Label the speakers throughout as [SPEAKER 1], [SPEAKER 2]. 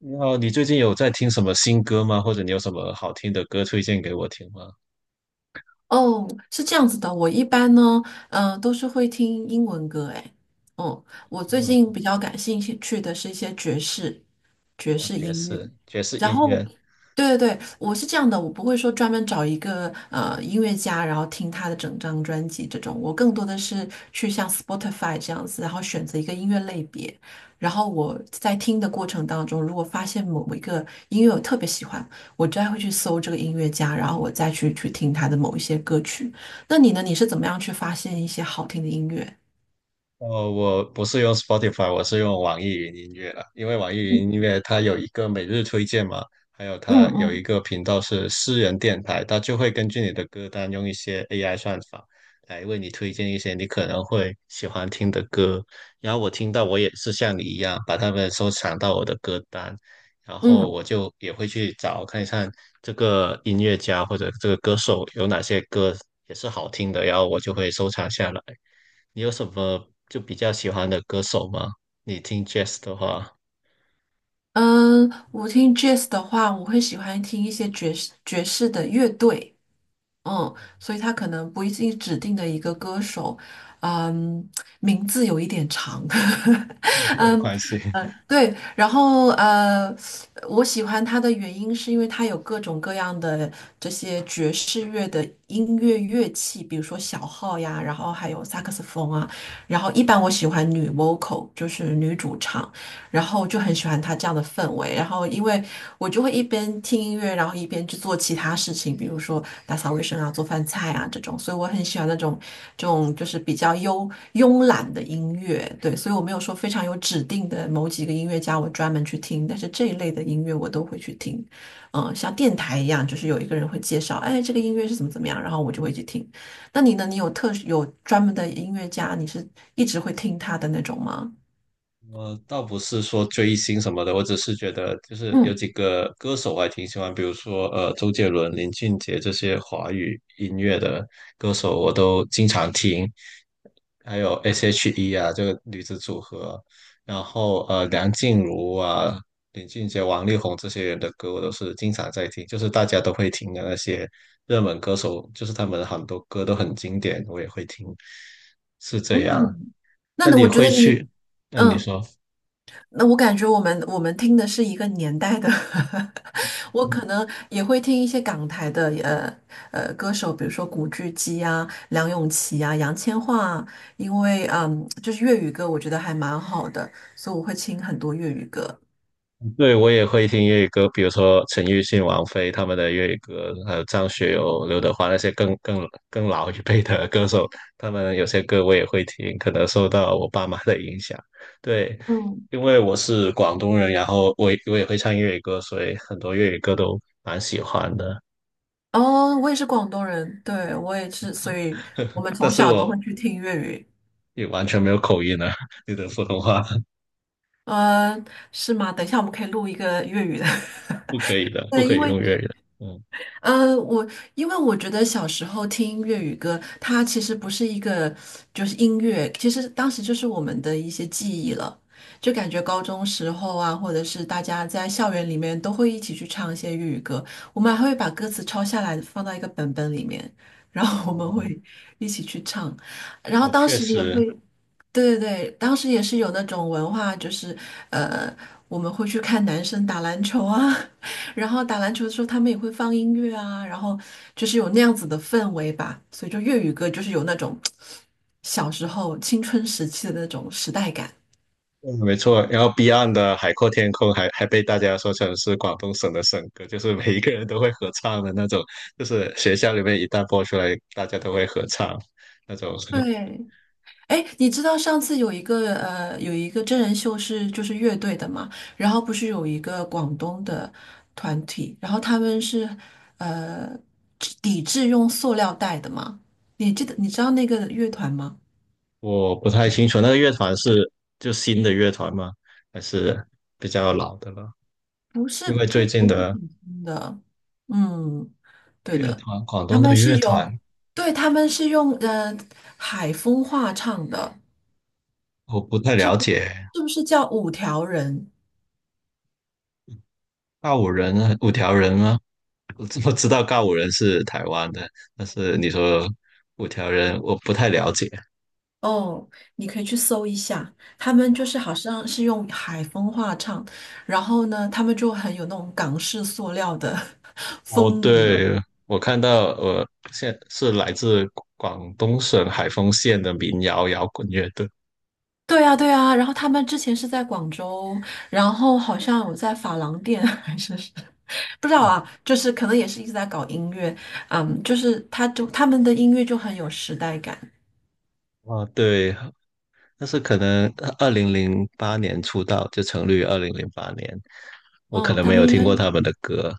[SPEAKER 1] 你好，你最近有在听什么新歌吗？或者你有什么好听的歌推荐给我听吗？
[SPEAKER 2] 哦，是这样子的，我一般呢，都是会听英文歌，诶，我
[SPEAKER 1] 英
[SPEAKER 2] 最
[SPEAKER 1] 文歌。
[SPEAKER 2] 近比较感兴趣的是一些爵士，爵
[SPEAKER 1] 哦，
[SPEAKER 2] 士
[SPEAKER 1] 爵
[SPEAKER 2] 音乐。
[SPEAKER 1] 士爵士
[SPEAKER 2] 然
[SPEAKER 1] 音
[SPEAKER 2] 后，
[SPEAKER 1] 乐。
[SPEAKER 2] 对对对，我是这样的，我不会说专门找一个音乐家，然后听他的整张专辑这种，我更多的是去像 Spotify 这样子，然后选择一个音乐类别，然后我在听的过程当中，如果发现某一个音乐我特别喜欢，我就会去搜这个音乐家，然后我再去听他的某一些歌曲。那你呢？你是怎么样去发现一些好听的音乐？
[SPEAKER 1] 哦，我不是用 Spotify，我是用网易云音乐了，因为网易
[SPEAKER 2] 嗯
[SPEAKER 1] 云音乐它有一个每日推荐嘛，还有
[SPEAKER 2] 嗯
[SPEAKER 1] 它有一
[SPEAKER 2] 嗯
[SPEAKER 1] 个频道是私人电台，它就会根据你的歌单用一些 AI 算法来为你推荐一些你可能会喜欢听的歌。然后我听到我也是像你一样把它们收藏到我的歌单，然后
[SPEAKER 2] 嗯。
[SPEAKER 1] 我就也会去找看一看这个音乐家或者这个歌手有哪些歌也是好听的，然后我就会收藏下来。你有什么就比较喜欢的歌手吗？你听 jazz 的话，
[SPEAKER 2] 嗯，我听 jazz 的话，我会喜欢听一些爵士的乐队，嗯，所以他可能不一定指定的一个歌手，嗯，名字有一点长，
[SPEAKER 1] 没有关系。
[SPEAKER 2] 对，然后我喜欢他的原因是因为他有各种各样的这些爵士乐的音乐乐器，比如说小号呀，然后还有萨克斯风啊，然后一般我喜欢女 vocal，就是女主唱。然后我就很喜欢他这样的氛围。然后因为我就会一边听音乐，然后一边去做其他事情，比如说打扫卫生啊、做饭菜啊这种。所以我很喜欢那种这种就是比较慵慵懒的音乐。对，所以我没有说非常有指定的某几个音乐家我专门去听，但是这一类的音乐我都会去听。嗯，像电台一样，就是有一个人会介绍，哎，这个音乐是怎么怎么样，然后我就会去听。那你呢？你有特有专门的音乐家，你是一直会听他的那种吗？
[SPEAKER 1] 我倒不是说追星什么的，我只是觉得就是有
[SPEAKER 2] 嗯。
[SPEAKER 1] 几个歌手我还挺喜欢，比如说周杰伦、林俊杰这些华语音乐的歌手，我都经常听。还有 S.H.E 啊，这个女子组合，然后梁静茹啊、林俊杰、王力宏这些人的歌，我都是经常在听，就是大家都会听的那些热门歌手，就是他们很多歌都很经典，我也会听，是
[SPEAKER 2] 嗯，
[SPEAKER 1] 这样。那
[SPEAKER 2] 那
[SPEAKER 1] 你
[SPEAKER 2] 我觉
[SPEAKER 1] 会
[SPEAKER 2] 得你，
[SPEAKER 1] 去？那你
[SPEAKER 2] 嗯，
[SPEAKER 1] 说？
[SPEAKER 2] 那我感觉我们听的是一个年代的，我可能也会听一些港台的歌手，比如说古巨基啊、梁咏琪啊、杨千嬅啊，因为就是粤语歌，我觉得还蛮好的，所以我会听很多粤语歌。
[SPEAKER 1] 对，我也会听粤语歌，比如说陈奕迅、王菲他们的粤语歌，还有张学友、刘德华那些更老一辈的歌手，他们有些歌我也会听，可能受到我爸妈的影响。对，
[SPEAKER 2] 嗯，
[SPEAKER 1] 因为我是广东人，然后我也会唱粤语歌，所以很多粤语歌都蛮喜欢的。
[SPEAKER 2] 哦，我也是广东人，对，我也是，所以我们
[SPEAKER 1] 但
[SPEAKER 2] 从
[SPEAKER 1] 是
[SPEAKER 2] 小都会
[SPEAKER 1] 我
[SPEAKER 2] 去听粤语。
[SPEAKER 1] 也完全没有口音啊，你的普通话
[SPEAKER 2] 嗯，是吗？等一下我们可以录一个粤语的。
[SPEAKER 1] 不可以 的，不
[SPEAKER 2] 对，
[SPEAKER 1] 可
[SPEAKER 2] 因
[SPEAKER 1] 以
[SPEAKER 2] 为
[SPEAKER 1] 用粤语的。嗯，
[SPEAKER 2] 我因为我觉得小时候听粤语歌，它其实不是一个就是音乐，其实当时就是我们的一些记忆了。就感觉高中时候啊，或者是大家在校园里面都会一起去唱一些粤语歌，我们还会把歌词抄下来放到一个本本里面，然后我们会
[SPEAKER 1] 哦，
[SPEAKER 2] 一起去唱，然后
[SPEAKER 1] 哦
[SPEAKER 2] 当
[SPEAKER 1] 确
[SPEAKER 2] 时也
[SPEAKER 1] 实，
[SPEAKER 2] 会，对对对，当时也是有那种文化，就是呃，我们会去看男生打篮球啊。然后打篮球的时候，他们也会放音乐啊，然后就是有那样子的氛围吧，所以就粤语歌就是有那种小时候青春时期的那种时代感。
[SPEAKER 1] 嗯，没错，然后 Beyond 的《海阔天空》还被大家说成是广东省的省歌，就是每一个人都会合唱的那种，就是学校里面一旦播出来，大家都会合唱那种。
[SPEAKER 2] 对，哎，你知道上次有一个有一个真人秀是就是乐队的嘛，然后不是有一个广东的团体，然后他们是呃抵制用塑料袋的嘛？你记得你知道那个乐团吗？
[SPEAKER 1] 我不太清楚那个乐团是就新的乐团吗？还是比较老的了？
[SPEAKER 2] 不是
[SPEAKER 1] 因为
[SPEAKER 2] 不
[SPEAKER 1] 最近
[SPEAKER 2] 不是
[SPEAKER 1] 的
[SPEAKER 2] 挺新的，嗯。对
[SPEAKER 1] 乐
[SPEAKER 2] 的，
[SPEAKER 1] 团，广
[SPEAKER 2] 他
[SPEAKER 1] 东的
[SPEAKER 2] 们是
[SPEAKER 1] 乐团
[SPEAKER 2] 有，对，他们是用海风话唱的，
[SPEAKER 1] 我不太了解。
[SPEAKER 2] 是不是叫五条人？
[SPEAKER 1] 告五人啊，五条人吗？我知道告五人是台湾的，但是你说五条人，我不太了解。
[SPEAKER 2] 哦，你可以去搜一下，他们就是好像是用海风话唱，然后呢，他们就很有那种港式塑料的
[SPEAKER 1] 哦，
[SPEAKER 2] 风格。
[SPEAKER 1] 对，我看到，现是来自广东省海丰县的民谣摇滚乐队。
[SPEAKER 2] 对啊，对啊，然后他们之前是在广州，然后好像有在发廊店 还是是不知道
[SPEAKER 1] 嗯，
[SPEAKER 2] 啊，就是可能也是一直在搞音乐，嗯，就是他们的音乐就很有时代感。
[SPEAKER 1] 啊，对，但是可能二零零八年出道，就成立于二零零八年，我可
[SPEAKER 2] 嗯，
[SPEAKER 1] 能
[SPEAKER 2] 他
[SPEAKER 1] 没
[SPEAKER 2] 们
[SPEAKER 1] 有
[SPEAKER 2] 应该，
[SPEAKER 1] 听过他们的歌。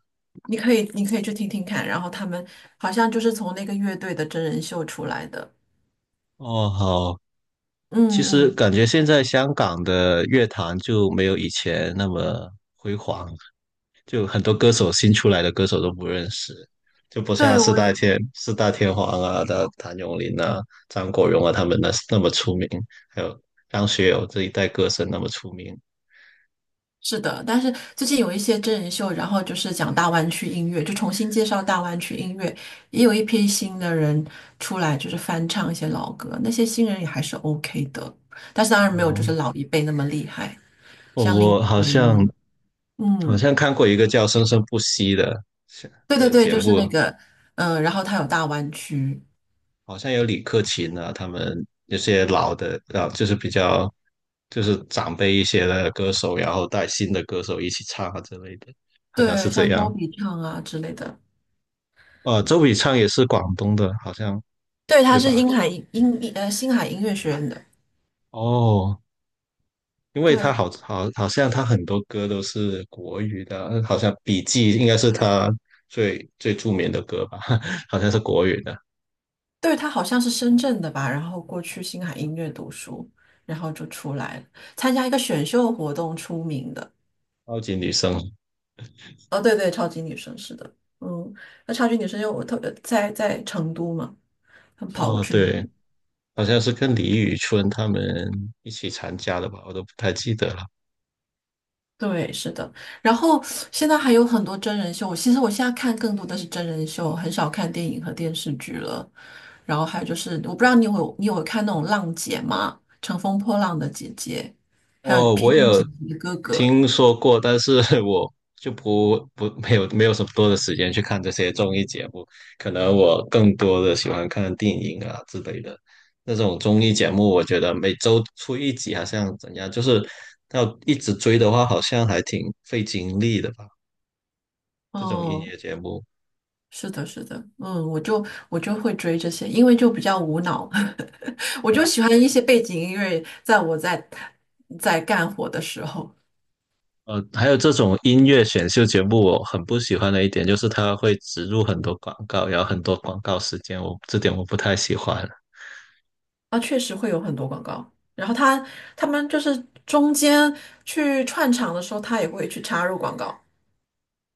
[SPEAKER 2] 你可以，你可以去听听看。然后他们好像就是从那个乐队的真人秀出来的。
[SPEAKER 1] 哦，好，其
[SPEAKER 2] 嗯
[SPEAKER 1] 实
[SPEAKER 2] 嗯，
[SPEAKER 1] 感觉现在香港的乐坛就没有以前那么辉煌，就很多歌手新出来的歌手都不认识，就不像
[SPEAKER 2] 对，
[SPEAKER 1] 四
[SPEAKER 2] 我
[SPEAKER 1] 大
[SPEAKER 2] 也
[SPEAKER 1] 天四大天王啊、的谭咏麟啊、张国荣啊他们那么出名，还有张学友这一代歌神那么出名。
[SPEAKER 2] 是的。但是最近有一些真人秀，然后就是讲大湾区音乐，就重新介绍大湾区音乐，也有一批新的人出来，就是翻唱一些老歌。那些新人也还是 OK 的，但是当然没有就
[SPEAKER 1] 哦，
[SPEAKER 2] 是老一辈那么厉害。
[SPEAKER 1] 哦，
[SPEAKER 2] 像林，
[SPEAKER 1] 我好像好
[SPEAKER 2] 嗯，
[SPEAKER 1] 像看过一个叫《生生不息》的
[SPEAKER 2] 对对
[SPEAKER 1] 的
[SPEAKER 2] 对，
[SPEAKER 1] 节
[SPEAKER 2] 就是那
[SPEAKER 1] 目，
[SPEAKER 2] 个，然后他有大湾区，
[SPEAKER 1] 好像有李克勤啊，他们有些老的啊，就是比较就是长辈一些的歌手，然后带新的歌手一起唱啊之类的，好像是
[SPEAKER 2] 对，
[SPEAKER 1] 这
[SPEAKER 2] 像周
[SPEAKER 1] 样。
[SPEAKER 2] 笔畅啊之类的。
[SPEAKER 1] 周笔畅也是广东的，好像
[SPEAKER 2] 对，他
[SPEAKER 1] 对
[SPEAKER 2] 是
[SPEAKER 1] 吧？
[SPEAKER 2] 英海音星海音乐学院的，
[SPEAKER 1] 哦，因为他
[SPEAKER 2] 对
[SPEAKER 1] 好像他很多歌都是国语的，好像《笔记》应该是他最著名的歌吧，好像是国语的
[SPEAKER 2] 对，他好像是深圳的吧，然后过去星海音乐读书，然后就出来了，参加一个选秀活动出名的。
[SPEAKER 1] 《超级女声》。
[SPEAKER 2] 哦，对对，超级女生是的，嗯，那超级女生因为我特在在成都嘛，他们跑过
[SPEAKER 1] 哦，
[SPEAKER 2] 去的。
[SPEAKER 1] 对，好像是跟李宇春他们一起参加的吧，我都不太记得了。
[SPEAKER 2] 对，是的。然后现在还有很多真人秀，其实我现在看更多的是真人秀，很少看电影和电视剧了。然后还有就是，我不知道你有你有看那种浪姐吗？乘风破浪的姐姐，还有
[SPEAKER 1] 哦，
[SPEAKER 2] 披
[SPEAKER 1] 我
[SPEAKER 2] 荆
[SPEAKER 1] 有
[SPEAKER 2] 斩棘的哥哥。
[SPEAKER 1] 听说过，但是 我就不不没有什么多的时间去看这些综艺节目，可能我更多的喜欢看电影啊之类的那种综艺节目。我觉得每周出一集好像怎样，就是要一直追的话，好像还挺费精力的吧。这种音
[SPEAKER 2] 哦，
[SPEAKER 1] 乐节目，
[SPEAKER 2] 是的，是的，嗯，我就会追这些，因为就比较无脑，我就
[SPEAKER 1] 哦，
[SPEAKER 2] 喜欢一些背景音乐，在我在干活的时候。
[SPEAKER 1] 还有这种音乐选秀节目，我很不喜欢的一点就是它会植入很多广告，然后很多广告时间，我这点我不太喜欢。
[SPEAKER 2] 啊，确实会有很多广告。然后他们就是中间去串场的时候，他也会去插入广告。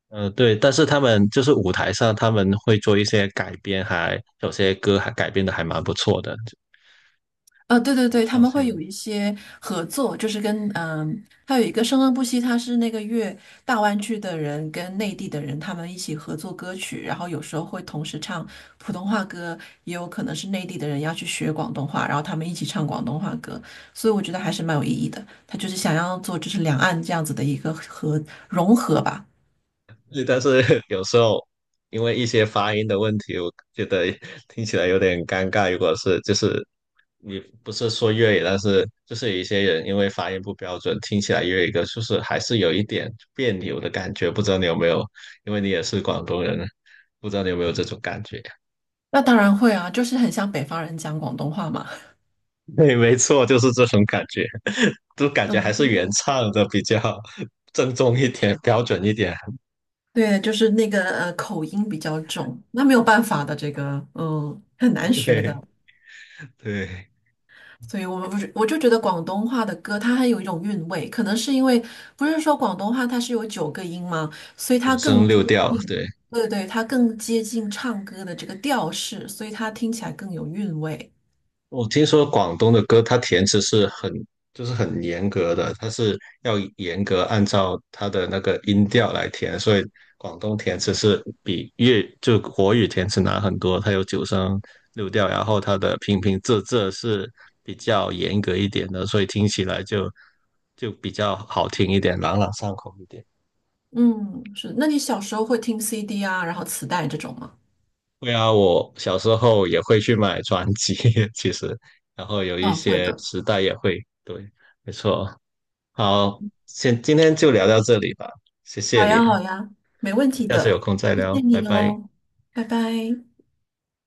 [SPEAKER 1] 对，但是他们就是舞台上他们会做一些改编还，有些歌还改编的还蛮不错的，
[SPEAKER 2] 啊，对对
[SPEAKER 1] 有
[SPEAKER 2] 对，他
[SPEAKER 1] 创
[SPEAKER 2] 们会有
[SPEAKER 1] 新。
[SPEAKER 2] 一些合作，就是跟嗯，还有一个《生生不息》，他是那个粤大湾区的人跟内地的人他们一起合作歌曲，然后有时候会同时唱普通话歌，也有可能是内地的人要去学广东话，然后他们一起唱广东话歌，所以我觉得还是蛮有意义的。他就是想要做就是两岸这样子的一个合融合吧。
[SPEAKER 1] 对但是 有时候因为一些发音的问题，我觉得听起来有点尴尬。如果是就是你不是说粤语，但是就是有一些人因为发音不标准，听起来粤语歌就是还是有一点别扭的感觉。不知道你有没有？因为你也是广东人，不知道你有没有这种感觉？
[SPEAKER 2] 那当然会啊，就是很像北方人讲广东话嘛。
[SPEAKER 1] 对，没错，就是这种感觉。就感
[SPEAKER 2] 嗯，
[SPEAKER 1] 觉还是
[SPEAKER 2] 嗯
[SPEAKER 1] 原唱的比较 正宗一点、标准一点。
[SPEAKER 2] 对，就是那个口音比较重，那没有办法的，这个嗯很难学
[SPEAKER 1] 对
[SPEAKER 2] 的。
[SPEAKER 1] 对，
[SPEAKER 2] 所以我们不是，我就觉得广东话的歌它还有一种韵味，可能是因为不是说广东话它是有九个音吗？所以它
[SPEAKER 1] 五声
[SPEAKER 2] 更接
[SPEAKER 1] 六调。
[SPEAKER 2] 近，
[SPEAKER 1] 对，
[SPEAKER 2] 对对，它更接近唱歌的这个调式，所以它听起来更有韵味。
[SPEAKER 1] 我听说广东的歌，它填词是很就是很严格的，它是要严格按照它的那个音调来填，所以广东填词是比粤就国语填词难很多。它有九声六调，然后它的平平仄仄是比较严格一点的，所以听起来就比较好听一点，朗朗上口一点。
[SPEAKER 2] 嗯，是。那你小时候会听 CD 啊，然后磁带这种吗？
[SPEAKER 1] 对啊，我小时候也会去买专辑，其实，然后有一
[SPEAKER 2] 嗯，会
[SPEAKER 1] 些
[SPEAKER 2] 的。
[SPEAKER 1] 磁带也会，对，没错。好，先今天就聊到这里吧，谢谢
[SPEAKER 2] 好
[SPEAKER 1] 你，
[SPEAKER 2] 呀，好呀，没问题
[SPEAKER 1] 下次有
[SPEAKER 2] 的，
[SPEAKER 1] 空再
[SPEAKER 2] 谢
[SPEAKER 1] 聊，
[SPEAKER 2] 谢
[SPEAKER 1] 拜
[SPEAKER 2] 你
[SPEAKER 1] 拜。
[SPEAKER 2] 哦，拜拜。